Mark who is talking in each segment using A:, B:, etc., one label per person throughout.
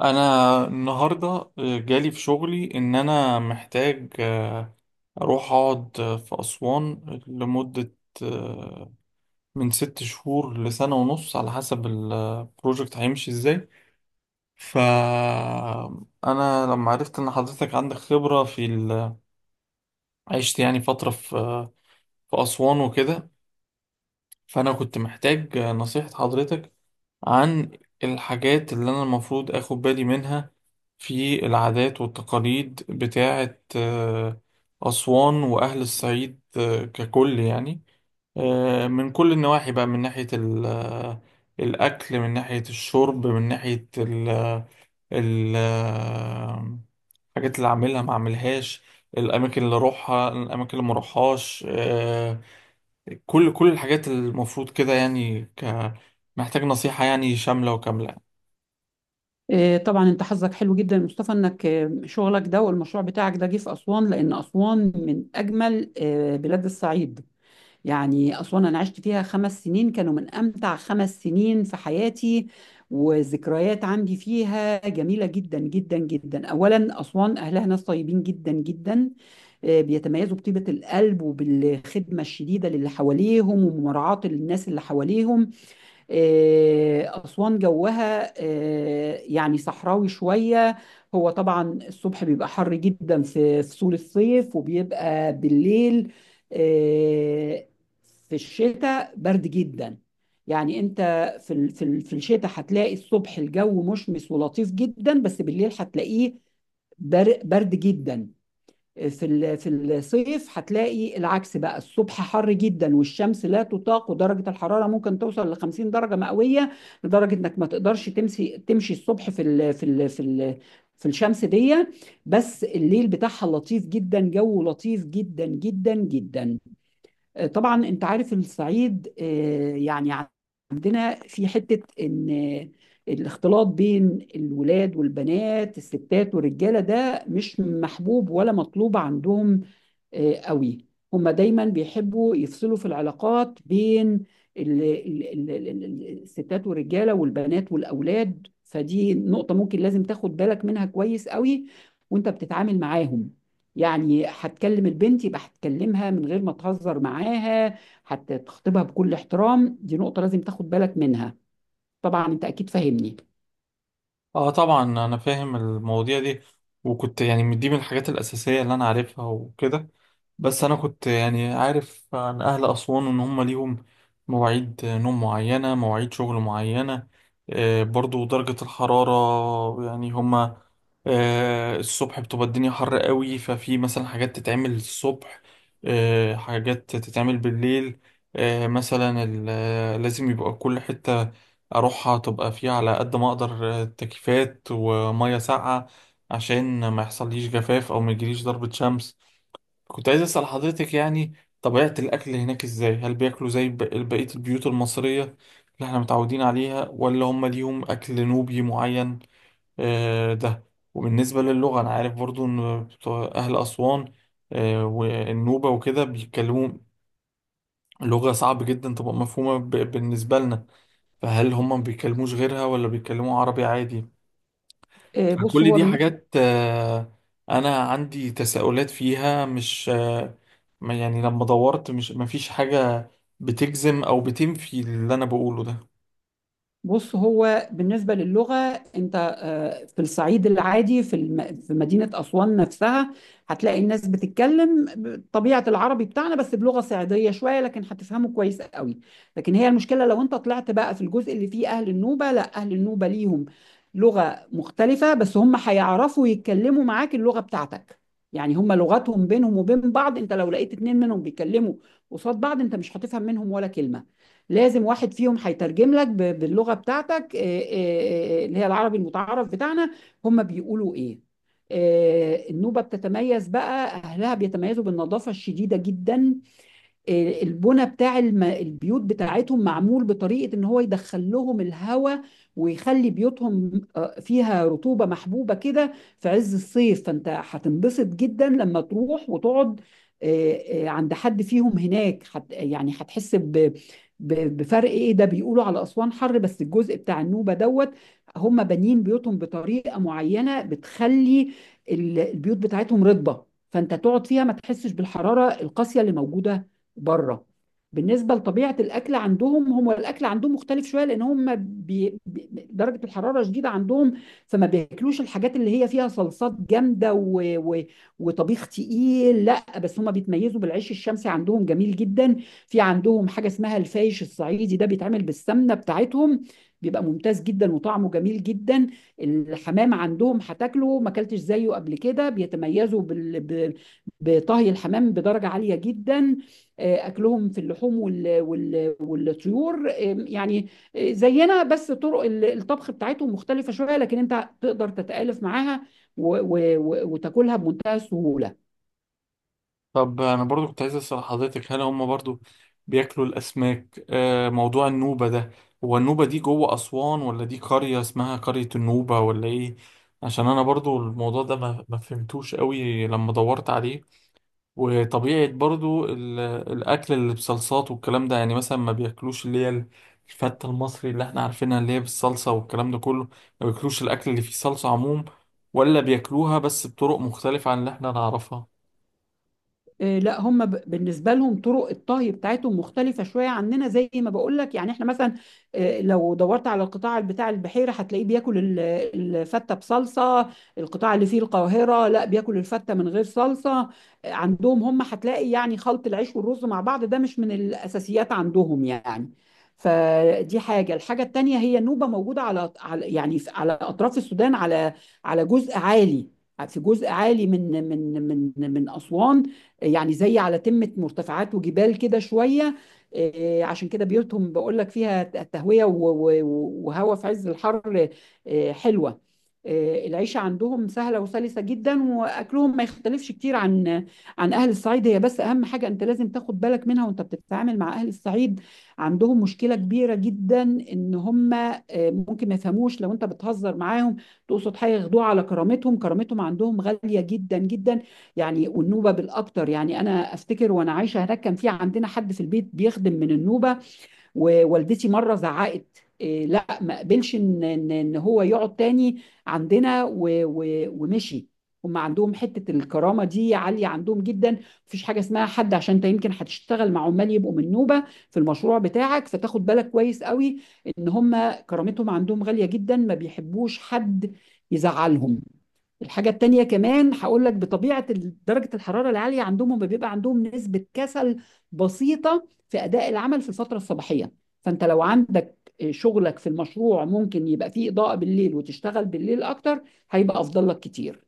A: انا النهارده جالي في شغلي ان انا محتاج اروح اقعد في اسوان لمده آه، من 6 شهور لسنه ونص على حسب البروجكت هيمشي ازاي. فانا لما عرفت ان حضرتك عندك خبره في عشت يعني فتره في اسوان وكده. فانا كنت محتاج نصيحه حضرتك عن الحاجات اللي أنا المفروض أخد بالي منها في العادات والتقاليد بتاعة أسوان وأهل الصعيد ككل يعني، من كل النواحي بقى، من ناحية الأكل، من ناحية الشرب، من ناحية ال- آه، الحاجات اللي أعملها ما أعملهاش، الأماكن اللي أروحها، الأماكن اللي مروحهاش، كل الحاجات المفروض كده يعني، محتاج نصيحة يعني شاملة وكاملة.
B: طبعا انت حظك حلو جدا يا مصطفى انك شغلك ده والمشروع بتاعك ده جه في اسوان، لان اسوان من اجمل بلاد الصعيد. يعني اسوان انا عشت فيها 5 سنين، كانوا من امتع 5 سنين في حياتي، وذكريات عندي فيها جميله جدا جدا جدا. اولا اسوان اهلها ناس طيبين جدا جدا، بيتميزوا بطيبه القلب وبالخدمه الشديده للي حواليهم ومراعاه الناس اللي حواليهم. أسوان جوها يعني صحراوي شوية. هو طبعا الصبح بيبقى حر جدا في فصول الصيف، وبيبقى بالليل آه، في الشتاء برد جدا. يعني انت في الشتاء هتلاقي الصبح الجو مشمس ولطيف جدا، بس بالليل هتلاقيه برد جدا. في الصيف هتلاقي العكس بقى، الصبح حر جدا والشمس لا تطاق، ودرجة الحرارة ممكن توصل ل 50 درجة مئوية، لدرجة انك ما تقدرش تمشي الصبح في الشمس دي. بس الليل بتاعها لطيف جدا، جو لطيف جدا جدا جدا. طبعا انت عارف الصعيد، يعني عندنا في حتة ان الاختلاط بين الولاد والبنات، الستات والرجالة، ده مش محبوب ولا مطلوب عندهم قوي. هما دايما بيحبوا يفصلوا في العلاقات بين الستات والرجالة والبنات والأولاد. فدي نقطة ممكن لازم تاخد بالك منها كويس قوي وانت بتتعامل معاهم. يعني هتكلم البنت يبقى هتكلمها من غير ما تهزر معاها، هتخطبها بكل احترام. دي نقطة لازم تاخد بالك منها، طبعا انت اكيد فاهمني.
A: اه، طبعا انا فاهم المواضيع دي، وكنت يعني دي من الحاجات الاساسيه اللي انا عارفها وكده. بس انا كنت يعني عارف عن اهل اسوان ان هم ليهم مواعيد نوم معينه، مواعيد شغل معينه، برضو درجه الحراره. يعني هم الصبح بتبقى الدنيا حر قوي، ففي مثلا حاجات تتعمل الصبح، حاجات تتعمل بالليل، مثلا لازم يبقى كل حته اروحها تبقى فيها على قد ما اقدر تكييفات وميه ساقعه عشان ما يحصليش جفاف او ما يجيليش ضربة شمس. كنت عايز اسال حضرتك يعني طبيعة الاكل هناك ازاي؟ هل بياكلوا زي بقية البيوت المصرية اللي احنا متعودين عليها، ولا هم ليهم اكل نوبي معين؟ ده. وبالنسبة للغة، انا عارف برضو ان بتوع اهل اسوان والنوبة وكده بيتكلموا لغة صعب جدا تبقى مفهومة بالنسبة لنا. فهل هم ما بيتكلموش غيرها ولا بيتكلموا عربي عادي؟
B: آه، بص
A: فكل
B: هو
A: دي
B: بالنسبة
A: حاجات انا عندي تساؤلات فيها، مش يعني لما دورت، مش ما فيش حاجة بتجزم او بتنفي اللي انا بقوله ده.
B: بص هو بالنسبة للغة. انت في الصعيد العادي، في مدينة أسوان نفسها، هتلاقي الناس بتتكلم طبيعة العربي بتاعنا بس بلغة صعيدية شوية، لكن هتفهمه كويس قوي. لكن هي المشكلة لو انت طلعت بقى في الجزء اللي فيه أهل النوبة، لا، أهل النوبة ليهم لغة مختلفة، بس هم هيعرفوا يتكلموا معاك اللغة بتاعتك. يعني هم لغتهم بينهم وبين بعض، انت لو لقيت اتنين منهم بيتكلموا قصاد بعض انت مش هتفهم منهم ولا كلمة. لازم واحد فيهم هيترجم لك باللغة بتاعتك، اللي هي العربي المتعارف بتاعنا، هم بيقولوا ايه. النوبة بتتميز بقى، أهلها بيتميزوا بالنظافة الشديدة جدا. البنى بتاع البيوت بتاعتهم معمول بطريقة ان هو يدخل لهم الهواء، ويخلي بيوتهم فيها رطوبة محبوبة كده في عز الصيف. فانت هتنبسط جدا لما تروح وتقعد عند حد فيهم هناك، حت يعني هتحس بفرق ايه ده، بيقولوا على اسوان حر بس الجزء بتاع النوبة دوت. هم بانيين بيوتهم بطريقة معينة بتخلي البيوت بتاعتهم رطبة، فانت تقعد فيها ما تحسش بالحرارة القاسية اللي موجودة بره. بالنسبه لطبيعه الاكل عندهم، هم الاكل عندهم مختلف شويه، لان هم درجه الحراره شديده عندهم، فما بياكلوش الحاجات اللي هي فيها صلصات جامده وطبيخ تقيل، لا. بس هم بيتميزوا بالعيش الشمسي عندهم، جميل جدا. في عندهم حاجه اسمها الفايش الصعيدي، ده بيتعمل بالسمنه بتاعتهم، بيبقى ممتاز جدا وطعمه جميل جدا. الحمام عندهم هتاكله ما اكلتش زيه قبل كده، بيتميزوا بطهي الحمام بدرجه عاليه جدا. اكلهم في اللحوم والطيور يعني زينا، بس طرق الطبخ بتاعتهم مختلفة شوية لكن انت تقدر تتآلف معاها وتاكلها بمنتهى السهولة.
A: طب انا برضو كنت عايز اسأل حضرتك، هل هم برضو بياكلوا الاسماك؟ موضوع النوبة ده، هو النوبة دي جوه اسوان ولا دي قرية اسمها قرية النوبة ولا ايه؟ عشان انا برضو الموضوع ده ما فهمتوش قوي لما دورت عليه. وطبيعة برضو الأكل اللي بصلصات والكلام ده، يعني مثلا ما بياكلوش اللي هي الفتة المصري اللي احنا عارفينها اللي هي بالصلصة والكلام ده كله، ما بياكلوش الأكل اللي فيه صلصة عموم، ولا بياكلوها بس بطرق مختلفة عن اللي احنا نعرفها؟
B: لا هم بالنسبه لهم طرق الطهي بتاعتهم مختلفه شويه عننا، زي ما بقول لك. يعني احنا مثلا لو دورت على القطاع بتاع البحيره هتلاقيه بياكل الفته بصلصه، القطاع اللي فيه القاهره لا، بياكل الفته من غير صلصه. عندهم هم هتلاقي يعني خلط العيش والرز مع بعض ده مش من الاساسيات عندهم يعني. فدي حاجه. الحاجه التانيه، هي النوبه موجوده على يعني على اطراف السودان، على على جزء عالي. في جزء عالي من اسوان، يعني زي على تمة مرتفعات وجبال كده شوية. عشان كده بيوتهم بقول لك فيها تهوية وهواء في عز الحر، حلوة. العيشة عندهم سهلة وسلسة جدا، وأكلهم ما يختلفش كتير عن عن أهل الصعيد. هي بس أهم حاجة أنت لازم تاخد بالك منها وأنت بتتعامل مع أهل الصعيد، عندهم مشكلة كبيرة جدا إن هم ممكن ما يفهموش، لو أنت بتهزر معاهم تقصد حاجة ياخدوها على كرامتهم. كرامتهم عندهم غالية جدا جدا، يعني والنوبه بالاكتر. يعني انا افتكر وانا عايشه هناك كان في عندنا حد في البيت بيخدم من النوبه، ووالدتي مره زعقت إيه، لا ما قبلش ان ان إن هو يقعد تاني عندنا و و ومشي. هم عندهم حته الكرامه دي عاليه عندهم جدا، مفيش حاجه اسمها حد. عشان انت يمكن هتشتغل مع عمال يبقوا من نوبه في المشروع بتاعك، فتاخد بالك كويس قوي ان هم كرامتهم عندهم غاليه جدا، ما بيحبوش حد يزعلهم. الحاجة التانية كمان هقول لك، بطبيعة درجة الحرارة العالية عندهم، هم بيبقى عندهم نسبة كسل بسيطة في أداء العمل في الفترة الصباحية. فأنت لو عندك شغلك في المشروع ممكن يبقى فيه إضاءة بالليل وتشتغل بالليل أكتر، هيبقى أفضل لك كتير.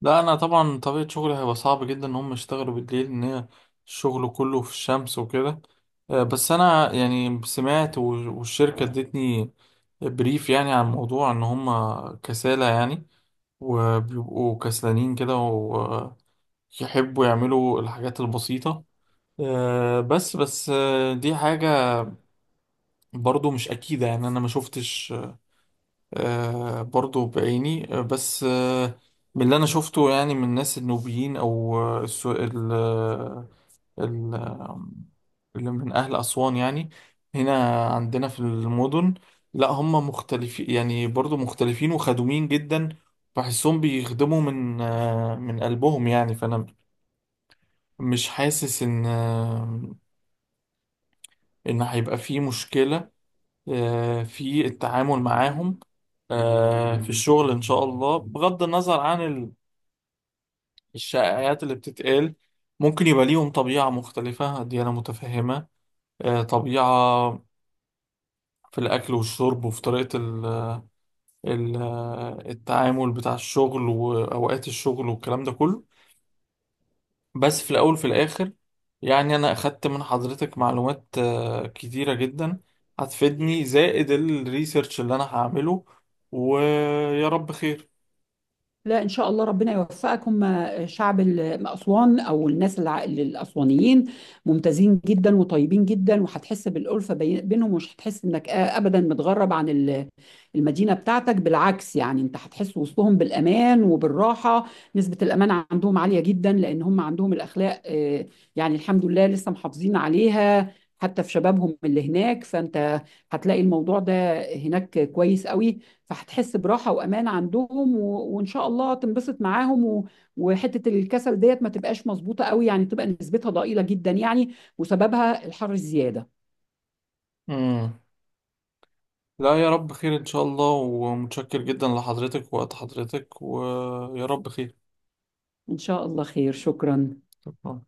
A: لا، أنا طبعا طبيعة شغلي هيبقى صعب جدا إن هم يشتغلوا بالليل، إن هي الشغل كله في الشمس وكده. بس أنا يعني سمعت والشركة ادتني بريف يعني عن الموضوع إن هم كسالى يعني، وبيبقوا كسلانين كده ويحبوا يعملوا الحاجات البسيطة. بس دي حاجة برضو مش أكيدة، يعني أنا ما شفتش برضو بعيني، بس من اللي انا شفته يعني من الناس النوبيين او ال- آه، اللي من أهل أسوان يعني هنا عندنا في المدن، لا هم مختلفين، يعني برضو مختلفين وخدومين جدا. بحسهم بيخدموا من قلبهم يعني. فأنا مش حاسس إن هيبقى فيه مشكلة في التعامل معاهم في الشغل إن شاء الله، بغض النظر عن الشائعات اللي بتتقال. ممكن يبقى ليهم طبيعة مختلفة، دي أنا متفهمة، طبيعة في الأكل والشرب وفي طريقة ال التعامل بتاع الشغل وأوقات الشغل والكلام ده كله. بس في الأول وفي الآخر، يعني أنا أخدت من حضرتك معلومات كتيرة جدا هتفيدني زائد الريسيرش اللي أنا هعمله، ويا رب خير.
B: لا ان شاء الله ربنا يوفقك. هم شعب اسوان، او الناس الاسوانيين، ممتازين جدا وطيبين جدا، وهتحس بالالفه بينهم، ومش هتحس انك ابدا متغرب عن المدينه بتاعتك. بالعكس يعني انت هتحس وسطهم بالامان وبالراحه. نسبه الامان عندهم عاليه جدا، لان هم عندهم الاخلاق، يعني الحمد لله لسه محافظين عليها حتى في شبابهم اللي هناك. فانت هتلاقي الموضوع ده هناك كويس قوي، فهتحس براحة وأمان عندهم، وإن شاء الله تنبسط معاهم، وحتة الكسل ديت ما تبقاش مظبوطة قوي يعني، تبقى نسبتها ضئيلة جدا يعني، وسببها الحر الزيادة.
A: امم لا، يا رب خير ان شاء الله، ومتشكر جدا لحضرتك ووقت حضرتك ويا رب خير.
B: إن شاء الله خير، شكرا.
A: شكرا.